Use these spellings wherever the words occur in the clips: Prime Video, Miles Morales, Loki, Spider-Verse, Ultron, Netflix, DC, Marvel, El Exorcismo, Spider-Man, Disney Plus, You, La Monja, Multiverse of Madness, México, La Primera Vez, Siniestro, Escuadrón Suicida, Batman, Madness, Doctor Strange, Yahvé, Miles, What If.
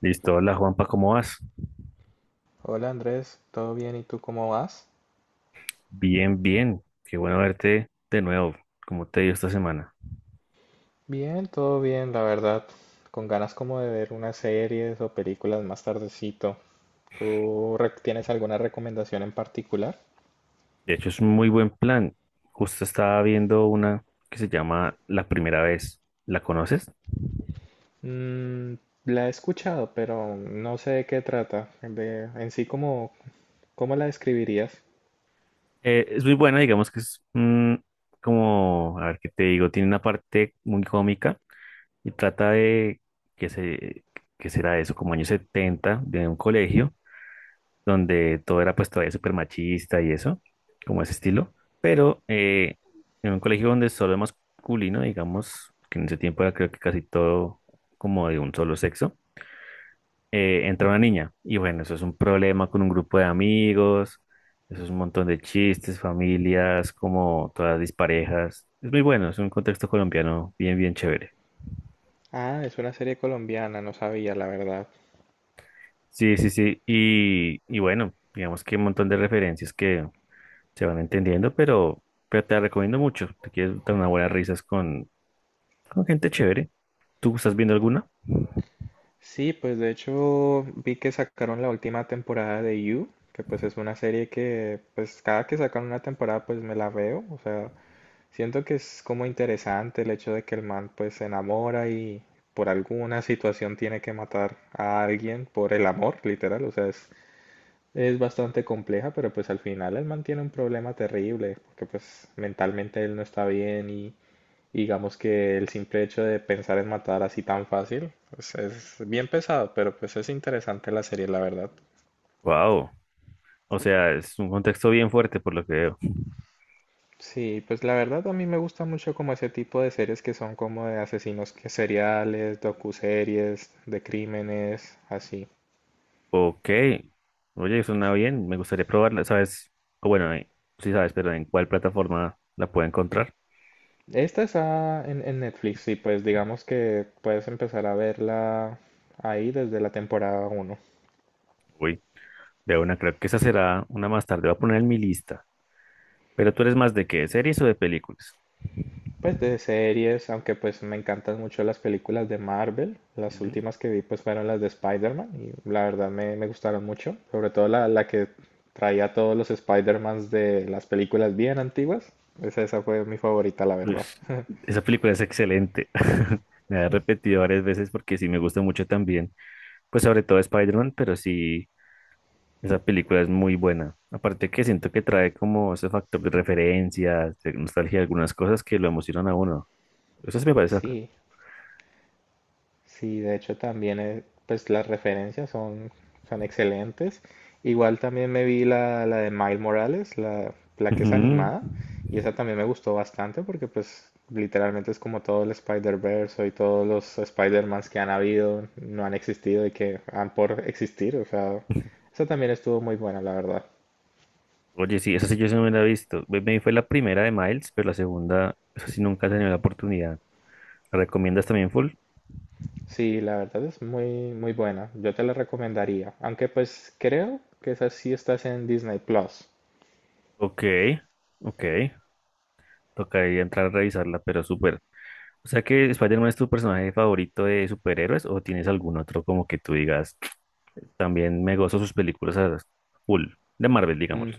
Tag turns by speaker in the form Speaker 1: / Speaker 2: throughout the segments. Speaker 1: Listo, hola Juanpa, ¿cómo vas?
Speaker 2: Hola Andrés, ¿todo bien? ¿Y tú cómo vas?
Speaker 1: Bien, bien, qué bueno verte de nuevo, ¿cómo te dio esta semana?
Speaker 2: Bien, todo bien, la verdad. Con ganas como de ver unas series o películas más tardecito. ¿ Tienes alguna recomendación en particular?
Speaker 1: De hecho, es un muy buen plan. Justo estaba viendo una que se llama La Primera Vez, ¿la conoces?
Speaker 2: Mm, la he escuchado, pero no sé de qué trata. ¿Cómo, cómo la describirías?
Speaker 1: Es muy buena, digamos que es como, a ver qué te digo, tiene una parte muy cómica y trata de, que se, ¿que será eso? Como años 70, de un colegio donde todo era pues todavía súper machista y eso, como ese estilo, pero en un colegio donde solo es masculino, digamos, que en ese tiempo era creo que casi todo como de un solo sexo, entra una niña y bueno, eso es un problema con un grupo de amigos, eso es un montón de chistes, familias, como todas disparejas, es muy bueno, es un contexto colombiano bien, bien chévere.
Speaker 2: Ah, es una serie colombiana, no sabía, la verdad.
Speaker 1: Sí, sí, sí, y bueno, digamos que un montón de referencias que se van entendiendo, pero te la recomiendo mucho. Te quieres dar unas buenas risas con gente chévere. ¿Tú estás viendo alguna?
Speaker 2: Sí, pues de hecho vi que sacaron la última temporada de You, que pues es una serie que pues cada que sacan una temporada pues me la veo. O sea, siento que es como interesante el hecho de que el man pues se enamora y por alguna situación tiene que matar a alguien por el amor, literal. Es bastante compleja, pero pues al final el man tiene un problema terrible, porque pues mentalmente él no está bien, y digamos que el simple hecho de pensar en matar así tan fácil pues es bien pesado, pero pues es interesante la serie, la verdad.
Speaker 1: Wow. O sea, es un contexto bien fuerte por lo que veo.
Speaker 2: Sí, pues la verdad a mí me gusta mucho como ese tipo de series que son como de asesinos seriales, docuseries, de crímenes, así.
Speaker 1: Ok. Oye, suena bien. Me gustaría probarla. ¿Sabes? O bueno, sí sabes, pero ¿en cuál plataforma la puedo encontrar?
Speaker 2: Esta está en Netflix y pues digamos que puedes empezar a verla ahí desde la temporada uno.
Speaker 1: Uy, de una, creo que esa será una más tarde. Voy a poner en mi lista. Pero ¿tú eres más de qué, series o de películas?
Speaker 2: Pues de series, aunque pues me encantan mucho las películas de Marvel. Las
Speaker 1: Mm.
Speaker 2: últimas que vi pues fueron las de Spider-Man y la verdad me gustaron mucho. Sobre todo la que traía todos los Spider-Mans de las películas bien antiguas. Esa fue mi favorita, la verdad.
Speaker 1: Pues esa película es excelente. Me la he repetido varias veces porque sí me gusta mucho también. Pues sobre todo Spider-Man, pero sí, esa película es muy buena. Aparte que siento que trae como ese factor de referencias, de nostalgia, algunas cosas que lo emocionan a uno. Eso sí me parece acá.
Speaker 2: Sí. Sí, de hecho también pues las referencias son excelentes. Igual también me vi la de Miles Morales, la que es
Speaker 1: Ujú.
Speaker 2: animada, y esa también me gustó bastante porque pues literalmente es como todo el Spider-Verse y todos los Spider-Mans que han habido, no han existido y que han por existir. O sea, esa también estuvo muy buena, la verdad.
Speaker 1: Oye, sí, esa sí yo sí no me la he visto. Me vi fue la primera de Miles, pero la segunda, esa sí nunca he tenido la oportunidad. ¿La recomiendas también full?
Speaker 2: Sí, la verdad es muy muy buena, yo te la recomendaría, aunque pues creo que esa sí estás en Disney Plus.
Speaker 1: Ok, ok. Tocaría entrar a revisarla, pero súper. O sea que Spider-Man es tu personaje favorito de superhéroes, o tienes algún otro como que tú digas también me gozo sus películas a full, de Marvel, digámoslo.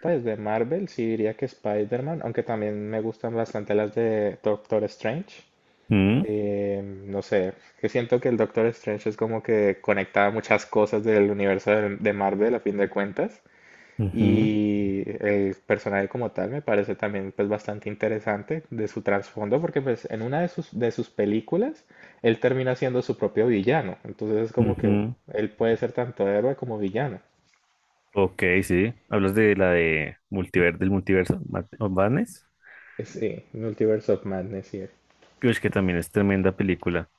Speaker 2: Pues de Marvel sí diría que Spider-Man, aunque también me gustan bastante las de Doctor Strange.
Speaker 1: Mm,
Speaker 2: No sé, que siento que el Doctor Strange es como que conecta muchas cosas del universo de Marvel a fin de cuentas.
Speaker 1: ujú,
Speaker 2: Y el personaje como tal me parece también pues bastante interesante de su trasfondo, porque pues en una de de sus películas él termina siendo su propio villano. Entonces es como que
Speaker 1: ujú.
Speaker 2: él puede ser tanto héroe como villano.
Speaker 1: Ok, sí. Hablas de la de multiver, del multiverso, Mad- of Madness.
Speaker 2: Sí, Multiverse of Madness, sí.
Speaker 1: Creo que también es tremenda película.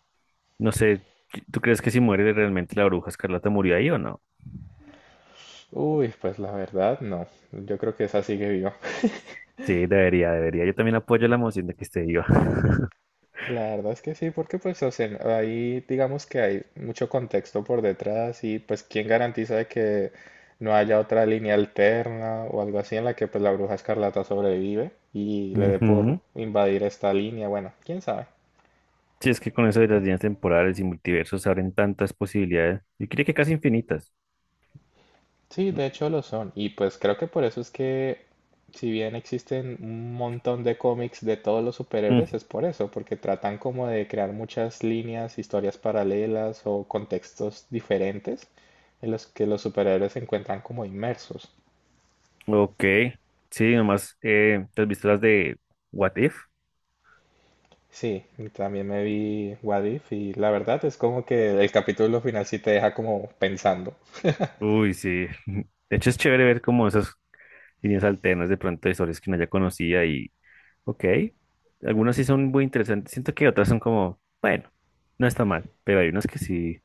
Speaker 1: No sé, ¿tú crees que si muere realmente la bruja escarlata murió ahí o no?
Speaker 2: Uy, pues la verdad no. Yo creo que esa sigue viva.
Speaker 1: Sí, debería, debería. Yo también apoyo la moción de que esté viva.
Speaker 2: La verdad es que sí, porque pues o sea, ahí digamos que hay mucho contexto por detrás y pues quién garantiza de que no haya otra línea alterna o algo así en la que pues la bruja escarlata sobrevive y le dé por
Speaker 1: Ujú.
Speaker 2: invadir esta línea. Bueno, quién sabe.
Speaker 1: Sí, es que con eso de las líneas temporales y multiversos se abren tantas posibilidades. Yo diría que casi infinitas.
Speaker 2: Sí, de hecho lo son. Y pues creo que por eso es que, si bien existen un montón de cómics de todos los superhéroes, es por eso, porque tratan como de crear muchas líneas, historias paralelas o contextos diferentes en los que los superhéroes se encuentran como inmersos.
Speaker 1: Ok, sí, nomás, ¿te has visto las de What If?
Speaker 2: Sí, y también me vi What If y la verdad es como que el capítulo final sí te deja como pensando.
Speaker 1: Uy, sí. De hecho, es chévere ver como esas líneas alternas de pronto de historias que uno ya conocía y, ok, algunas sí son muy interesantes. Siento que otras son como, bueno, no está mal, pero hay unas que sí,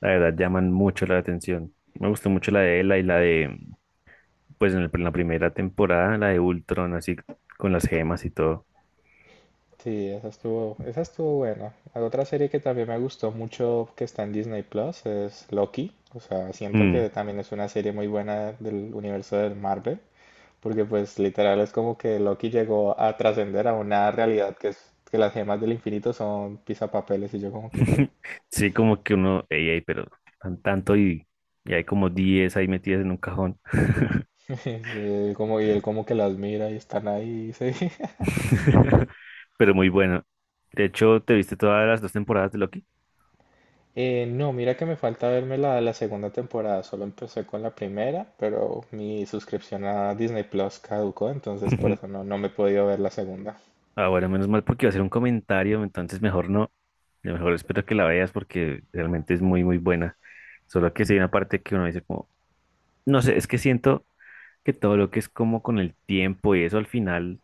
Speaker 1: la verdad, llaman mucho la atención. Me gustó mucho la de Ela y la de, pues en, el- en la primera temporada, la de Ultron, así con las gemas y todo.
Speaker 2: Sí, esa estuvo buena. La otra serie que también me gustó mucho que está en Disney Plus es Loki. O sea, siento
Speaker 1: Mm.
Speaker 2: que también es una serie muy buena del universo del Marvel, porque pues literal es como que Loki llegó a trascender a una realidad que es que las gemas del infinito son pisapapeles y yo como que qué.
Speaker 1: Sí, como que uno, ey, ey, pero tan- tanto y hay como 10 ahí metidas en un cajón.
Speaker 2: Sí, él como, y él como que las mira y están ahí, sí.
Speaker 1: Pero muy bueno. De hecho, ¿te viste todas las dos temporadas de Loki?
Speaker 2: No, mira que me falta verme la segunda temporada, solo empecé con la primera, pero mi suscripción a Disney Plus caducó, entonces por eso no me he podido ver la segunda.
Speaker 1: Ah, bueno, menos mal porque iba a ser un comentario, entonces mejor no. Yo mejor espero que la veas porque realmente es muy, muy buena. Solo que sí hay una parte que uno dice como, no sé, es que siento que todo lo que es como con el tiempo y eso al final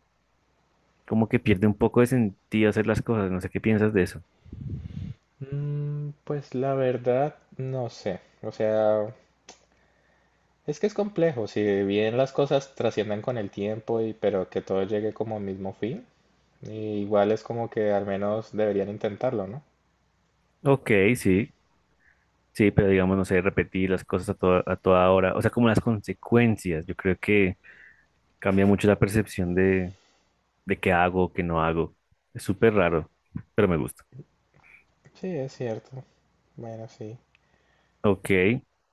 Speaker 1: como que pierde un poco de sentido hacer las cosas. No sé qué piensas de eso.
Speaker 2: Mm, pues la verdad, no sé. O sea, es que es complejo, si bien las cosas trascienden con el tiempo, y pero que todo llegue como al mismo fin, y igual es como que al menos deberían intentarlo, ¿no?
Speaker 1: Ok, sí. Sí, pero digamos, no sé, repetir las cosas a toda hora, o sea, como las consecuencias, yo creo que cambia mucho la percepción de qué hago o qué no hago. Es súper raro, pero me gusta.
Speaker 2: Sí, es cierto, bueno, sí.
Speaker 1: Ok,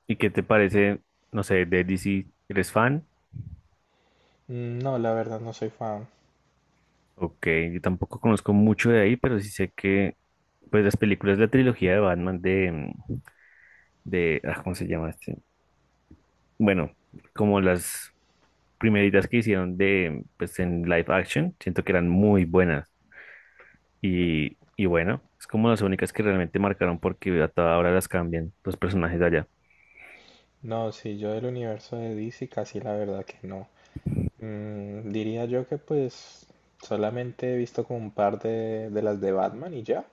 Speaker 1: ¿y qué te parece, no sé, de DC? ¿Eres fan?
Speaker 2: Mm, no, la verdad no soy fan.
Speaker 1: Ok, yo tampoco conozco mucho de ahí, pero sí sé que, pues, las películas de la trilogía de Batman de, mm, de, ah, ¿cómo se llama este? Bueno, como las primeritas que hicieron de, pues, en live action, siento que eran muy buenas. Y bueno, es como las únicas que realmente marcaron porque a toda hora las cambian los personajes de allá.
Speaker 2: No, sí, yo del universo de DC casi la verdad que no. Mm, diría yo que pues solamente he visto como un par de las de Batman y ya.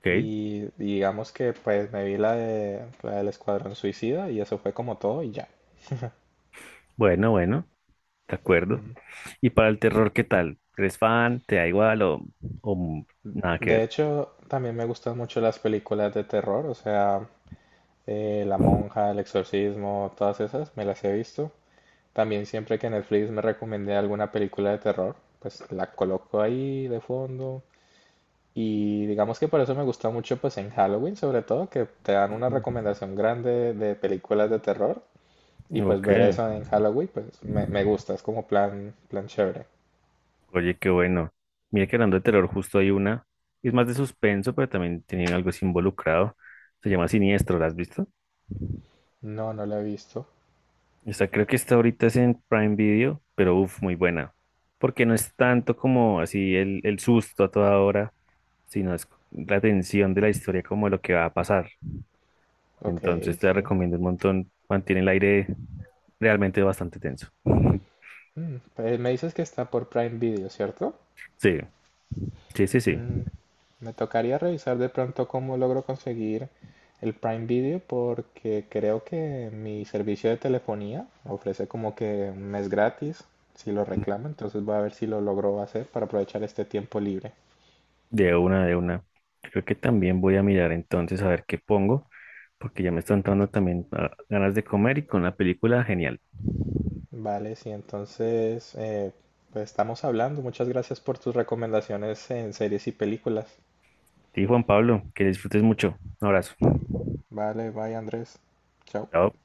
Speaker 1: Ok,
Speaker 2: Y digamos que pues me vi la de la del Escuadrón Suicida y eso fue como todo y ya.
Speaker 1: bueno, bueno, de acuerdo. ¿Y para el terror, qué tal? ¿Eres fan? ¿Te da igual o nada que
Speaker 2: De
Speaker 1: ver?
Speaker 2: hecho, también me gustan mucho las películas de terror. O sea, la Monja, el Exorcismo, todas esas, me las he visto. También siempre que Netflix me recomendé alguna película de terror, pues la coloco ahí de fondo. Y digamos que por eso me gusta mucho pues en Halloween, sobre todo, que te dan una
Speaker 1: Mm.
Speaker 2: recomendación grande de películas de terror. Y pues
Speaker 1: Ok,
Speaker 2: ver eso en Halloween pues me gusta, es como plan, plan chévere.
Speaker 1: oye, qué bueno. Mira que hablando de terror, justo hay una. Es más de suspenso, pero también tiene algo así involucrado. Se llama Siniestro, ¿la has visto?
Speaker 2: No, no la he visto.
Speaker 1: Esta creo que está ahorita es en Prime Video, pero uff, muy buena. Porque no es tanto como así el susto a toda hora, sino es la tensión de la historia como lo que va a pasar.
Speaker 2: Ok,
Speaker 1: Entonces te la
Speaker 2: sí.
Speaker 1: recomiendo un montón. Mantiene el aire realmente bastante tenso.
Speaker 2: Mm, pues me dices que está por Prime Video, ¿cierto?
Speaker 1: Sí, sí, sí, sí.
Speaker 2: Mm, me tocaría revisar de pronto cómo logro conseguir el Prime Video, porque creo que mi servicio de telefonía ofrece como que un mes gratis si lo reclamo, entonces voy a ver si lo logro hacer para aprovechar este tiempo libre.
Speaker 1: De una, de una. Creo que también voy a mirar entonces a ver qué pongo, porque ya me están dando también ganas de comer y con la película, genial.
Speaker 2: Vale, sí, entonces pues estamos hablando. Muchas gracias por tus recomendaciones en series y películas.
Speaker 1: Y Juan Pablo, que disfrutes mucho. Un abrazo.
Speaker 2: Vale, bye Andrés. Chao.
Speaker 1: Chao.